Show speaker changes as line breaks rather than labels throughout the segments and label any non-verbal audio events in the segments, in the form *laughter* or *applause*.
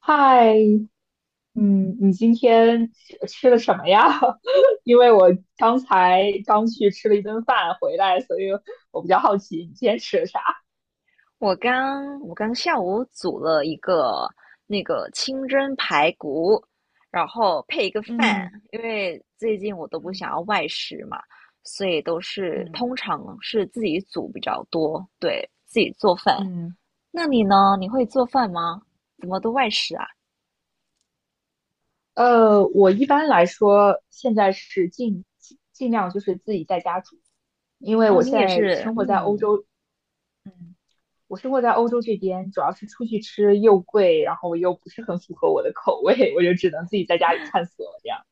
嗨，嗯，你今天吃了什么呀？*laughs* 因为我刚才去吃了一顿饭回来，所以我比较好奇你今天吃了啥。
我刚下午煮了一个清蒸排骨，然后配一个饭，
嗯
因为最近我都不
嗯
想要外食嘛，所以都是
嗯
通常是自己煮比较多，对，自己做饭。
嗯。
那你呢？你会做饭吗？怎么都外食啊？
我一般来说现在是尽量就是自己在家煮，因为
哦，
我
你
现
也
在
是，
生活在欧
嗯，
洲。嗯，我生活在欧洲这边，主要是出去吃又贵，然后又不是很符合我的口味，我就只能自己在家里探索这样。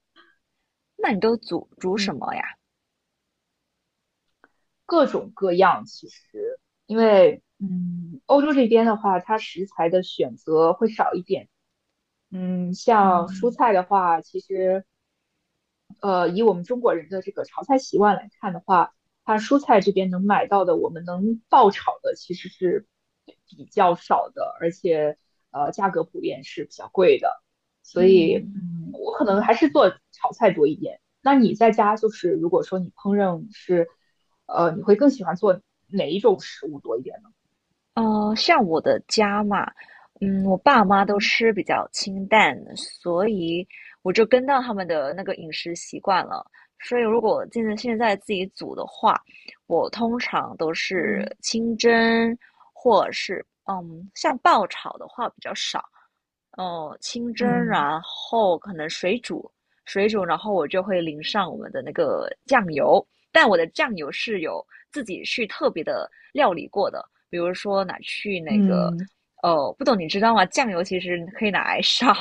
那你都煮
嗯。
什么呀？
各种各样。其实，因为欧洲这边的话，它食材的选择会少一点。像蔬
嗯
菜的话，其实以我们中国人的这个炒菜习惯来看的话，它蔬菜这边能买到的，我们能爆炒的其实是比较少的，而且价格普遍是比较贵的，所以
嗯。
我可能还是做炒菜多一点。那你在家就是如果说你烹饪是，你会更喜欢做哪一种食物多一点呢？
像我的家嘛，嗯，我爸妈都
嗯
吃比较清淡，所以我就跟到他们的那个饮食习惯了。所以如果现在自己煮的话，我通常都是
嗯
清蒸，或者是嗯，像爆炒的话比较少。哦，清蒸，
嗯
然后可能水煮，水煮，然后我就会淋上我们的那个酱油，但我的酱油是有自己去特别的料理过的，比如说拿去那个，
嗯
哦，不懂你知道吗？酱油其实可以拿来 *laughs* 烧，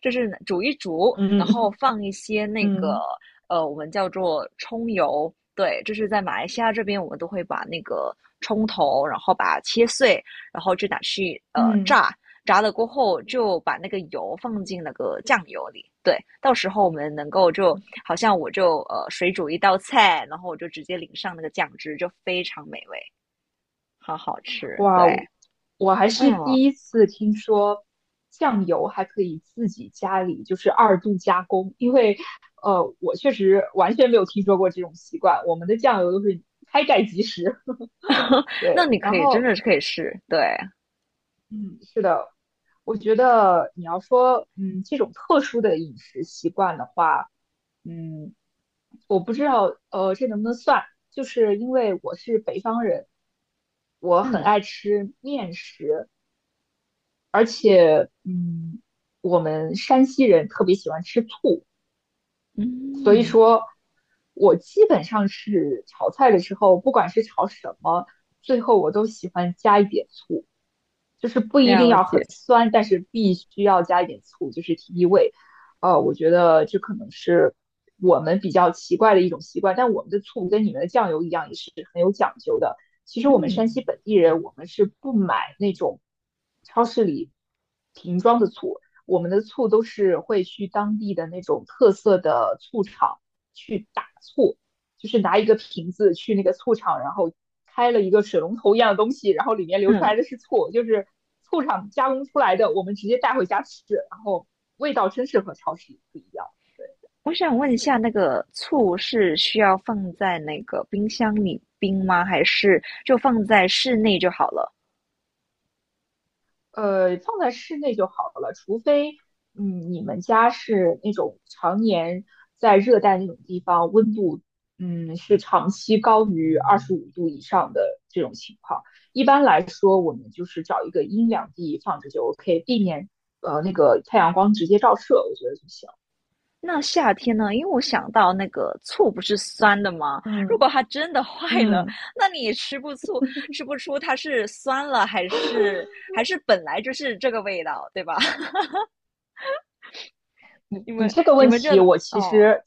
就是煮一煮，
嗯
然
嗯
后
嗯。
放一些那
嗯
个，
嗯
我们叫做葱油，对，就是在马来西亚这边，我们都会把那个葱头，然后把它切碎，然后就拿去
嗯。
炸。炸了过后，就把那个油放进那个酱油里。对，到时候我们能够就好像我就水煮一道菜，然后我就直接淋上那个酱汁，就非常美味，好好吃。
哇，
对，
我还是
嗯，
第一次听说酱油还可以自己家里就是二度加工，因为我确实完全没有听说过这种习惯。我们的酱油都是开盖即食，*laughs*
那
对。
你可
然
以真
后，
的是可以试。对，
嗯，是的，我觉得你要说，这种特殊的饮食习惯的话，嗯，我不知道，这能不能算？就是因为我是北方人，我很
嗯
爱吃面食。而且，我们山西人特别喜欢吃醋。所以
嗯，
说，我基本上是炒菜的时候，不管是炒什么，最后我都喜欢加一点醋，就是不一定
了
要很
解。
酸，但是必须要加一点醋，就是提提味。我觉得这可能是我们比较奇怪的一种习惯，但我们的醋跟你们的酱油一样，也是很有讲究的。其实我们
嗯
山西本地人，我们是不买那种超市里瓶装的醋，我们的醋都是会去当地的那种特色的醋厂去打醋，就是拿一个瓶子去那个醋厂，然后开了一个水龙头一样的东西，然后里面流出
嗯，
来的是醋，就是醋厂加工出来的，我们直接带回家吃，然后味道真是和超市不一样。
我想问一下，那个醋是需要放在那个冰箱里冰吗？还是就放在室内就好了？
放在室内就好了，除非，你们家是那种常年在热带那种地方，温度，是长期高于25度以上的这种情况。一般来说，我们就是找一个阴凉地放着就 OK,避免那个太阳光直接照射，我觉得就行。
那夏天呢？因为我想到那个醋不是酸的吗？如果
嗯
它真的坏了，
嗯。
那你也吃不醋，吃不出它是酸了还是本来就是这个味道，对吧？*laughs*
你
你
你
们
这个
你
问
们这
题，我其
哦，
实，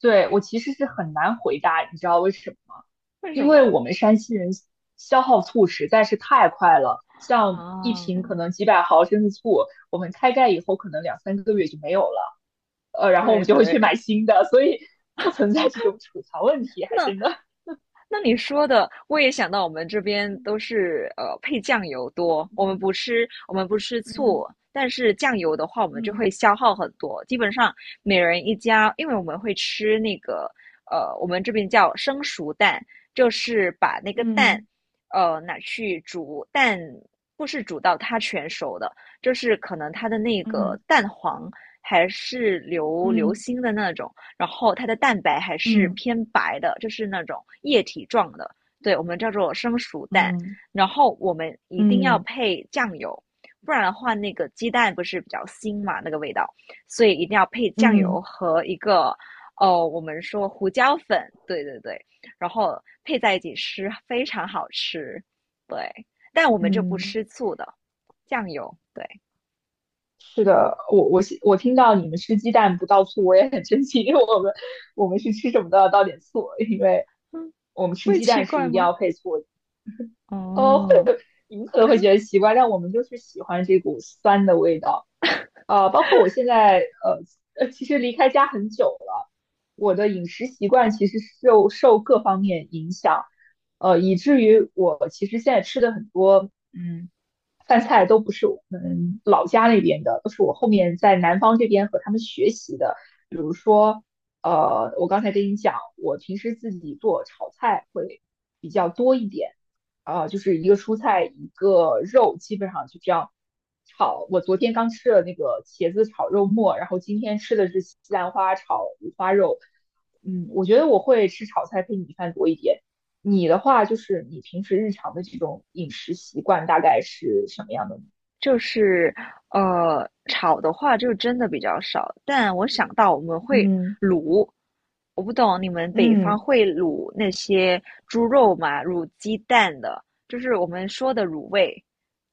对，我其实是很难回答，你知道为什么吗？
为
因
什么
为我们山西人消耗醋实在是太快了，像一
啊？
瓶可能几百毫升的醋，我们开盖以后可能两三个月就没有了，然后我
对
们就会去
对，
买新的，所以不存在这种储藏问题，还
那
真的。
那你说的，我也想到我们这边都是配酱油多，我们
嗯
不吃我们不吃
嗯
醋，但是酱油的话，我们就会
嗯
消耗很多。基本上每人一家，因为我们会吃那个我们这边叫生熟蛋，就是把那个蛋
嗯
拿去煮，蛋不是煮到它全熟的，就是可能它的那个
嗯
蛋黄还是流
嗯
心的那种。然后它的蛋白还是
嗯
偏白的，就是那种液体状的，对我们叫做生熟蛋。
嗯
然后我们
嗯
一定要
嗯嗯。
配酱油，不然的话那个鸡蛋不是比较腥嘛，那个味道，所以一定要配酱
嗯嗯
油
嗯
和一个哦，我们说胡椒粉，对对对，然后配在一起吃，非常好吃。对，但我们就不
嗯。
吃醋的，酱油，对，
是的，我听到你们吃鸡蛋不倒醋，我也很生气，因为我们是吃什么都要倒点醋，因为
嗯，
我们吃
会
鸡
奇
蛋是
怪
一定
吗？
要配醋。会，
哦，
你们可能会觉得奇怪，但我们就是喜欢这股酸的味道。包括我现在，呃其实离开家很久了，我的饮食习惯其实受各方面影响，以至于我其实现在吃的很多，饭菜都不是我们老家那边的，都是我后面在南方这边和他们学习的。比如说，我刚才跟你讲，我平时自己做炒菜会比较多一点。啊，就是一个蔬菜一个肉，基本上就这样炒。我昨天刚吃了那个茄子炒肉末，然后今天吃的是西兰花炒五花肉。嗯，我觉得我会吃炒菜配米饭多一点。你的话，就是你平时日常的这种饮食习惯大概是什么样的呢？
就是，炒的话就真的比较少，但我想到我们会
嗯
卤，我不懂你们北方
嗯
会卤那些猪肉吗？卤鸡蛋的，就是我们说的卤味。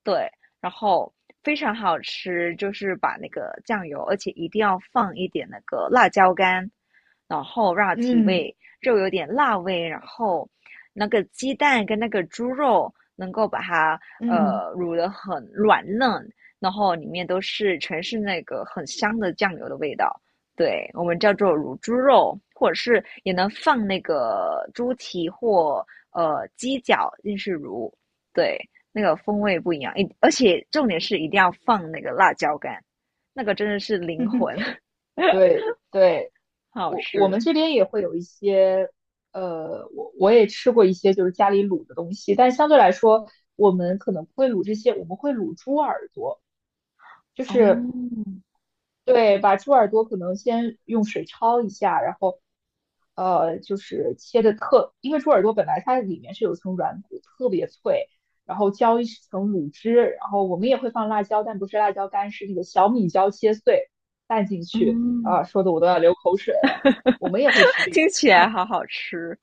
对，然后非常好吃，就是把那个酱油，而且一定要放一点那个辣椒干，然后让它提
嗯
味，肉有点辣味，然后那个鸡蛋跟那个猪肉能够把它
嗯，
卤得很软嫩，然后里面都是全是那个很香的酱油的味道。对，我们叫做卤猪肉，或者是也能放那个猪蹄或鸡脚进去卤。对，那个风味不一样，而且重点是一定要放那个辣椒干，那个真的是灵
*laughs*
魂，
对对，
好好
我们
吃
这边也会有一些，我也吃过一些就是家里卤的东西，但相对来说，我们可能不会卤这些，我们会卤猪耳朵，就
哦，
是对，把猪耳朵可能先用水焯一下，然后就是切的特，因为猪耳朵本来它里面是有层软骨，特别脆，然后浇一层卤汁，然后我们也会放辣椒，但不是辣椒干，是那个小米椒切碎拌进去，
嗯，
啊、说的我都要流口水了。我们也会吃
*laughs*
这些，
听起来好好吃，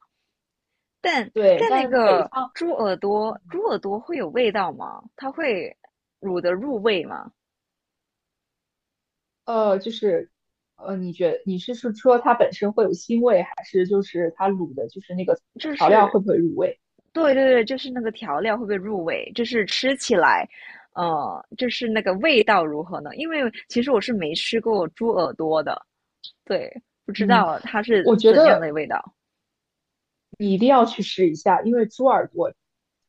但
对，
但那
但北
个
方，
猪耳朵，猪耳朵会有味道吗？它会卤的入味吗？
呃，就是，你是说它本身会有腥味，还是就是它卤的，就是那个
就
调料
是，
会不会入味？
对对对，就是那个调料会不会入味？就是吃起来，就是那个味道如何呢？因为其实我是没吃过猪耳朵的，对，不知
嗯，
道它
我
是
觉
怎样
得
的味道
你一定要去试一下，因为猪耳朵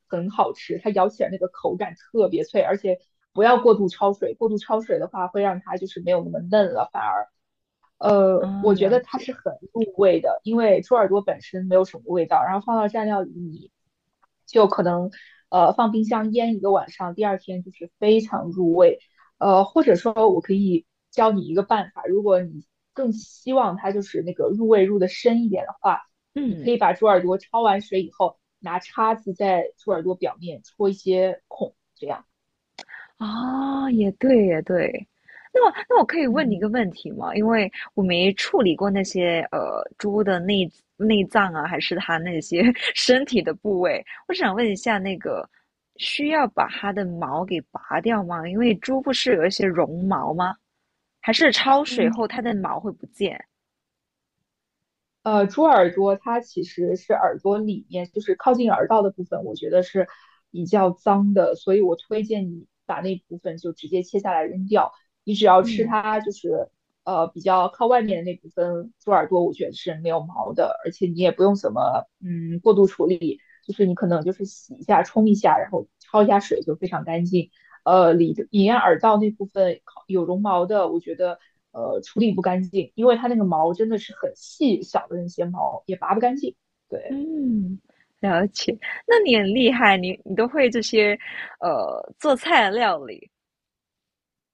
很好吃，它咬起来那个口感特别脆，而且不要过度焯水，过度焯水的话会让它就是没有那么嫩了，反而。
啊？
我觉
了
得它
解，
是很入味的，因为猪耳朵本身没有什么味道，然后放到蘸料里，你就可能放冰箱腌一个晚上，第二天就是非常入味。或者说我可以教你一个办法，如果你更希望它就是那个入味入的深一点的话，你
嗯，
可以把猪耳朵焯完水以后，拿叉子在猪耳朵表面戳一些孔，这样。
啊，也对，也对。那么，那我可以问你一个
嗯。
问题吗？因为我没处理过那些猪的内脏啊，还是它那些 *laughs* 身体的部位，我想问一下，那个需要把它的毛给拔掉吗？因为猪不是有一些绒毛吗？还是焯水
嗯，
后它的毛会不见？
猪耳朵它其实是耳朵里面，就是靠近耳道的部分，我觉得是比较脏的，所以我推荐你把那部分就直接切下来扔掉。你只要吃
嗯
它，就是比较靠外面的那部分猪耳朵，我觉得是没有毛的，而且你也不用怎么过度处理，就是你可能就是洗一下、冲一下，然后焯一下水就非常干净。里隐耳道那部分有绒毛的，我觉得处理不干净，因为它那个毛真的是很细小的那些毛也拔不干净。对，
嗯，了解。那你很厉害，你都会这些，做菜的料理，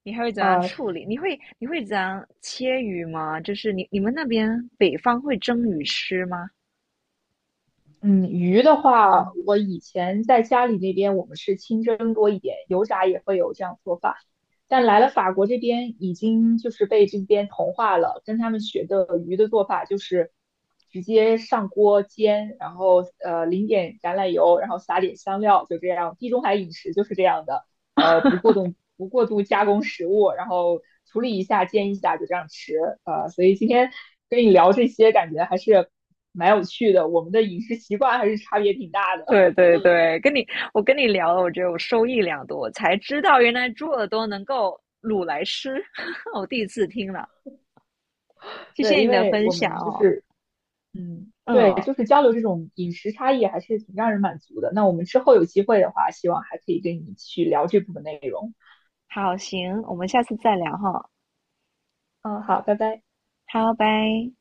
你还会怎样
呃，
处理？你会怎样切鱼吗？就是你们那边北方会蒸鱼吃吗？
嗯，鱼的话，我以前在家里那边我们是清蒸多一点，油炸也会有这样做法。但来了法国这边，已经就是被这边同化了，跟他们学的鱼的做法就是直接上锅煎，然后淋点橄榄油，然后撒点香料，就这样。地中海饮食就是这样的，不过度加工食物，然后处理一下、煎一下就这样吃。所以今天跟你聊这些，感觉还是蛮有趣的。我们的饮食习惯还是差别挺大
*laughs*
的。
对对对，我跟你聊了，我觉得我受益良多，我才知道原来猪耳朵能够卤来吃，*laughs* 我第一次听了，
*laughs*
谢
对，
谢
因
你的
为
分
我
享
们就
哦。
是，对，
嗯，
就是交流这种饮食差异还是挺让人满足的。那我们之后有机会的话，希望还可以跟你去聊这部分内容。
好，行，我们下次再聊哈。
嗯，好，拜拜。
好，拜。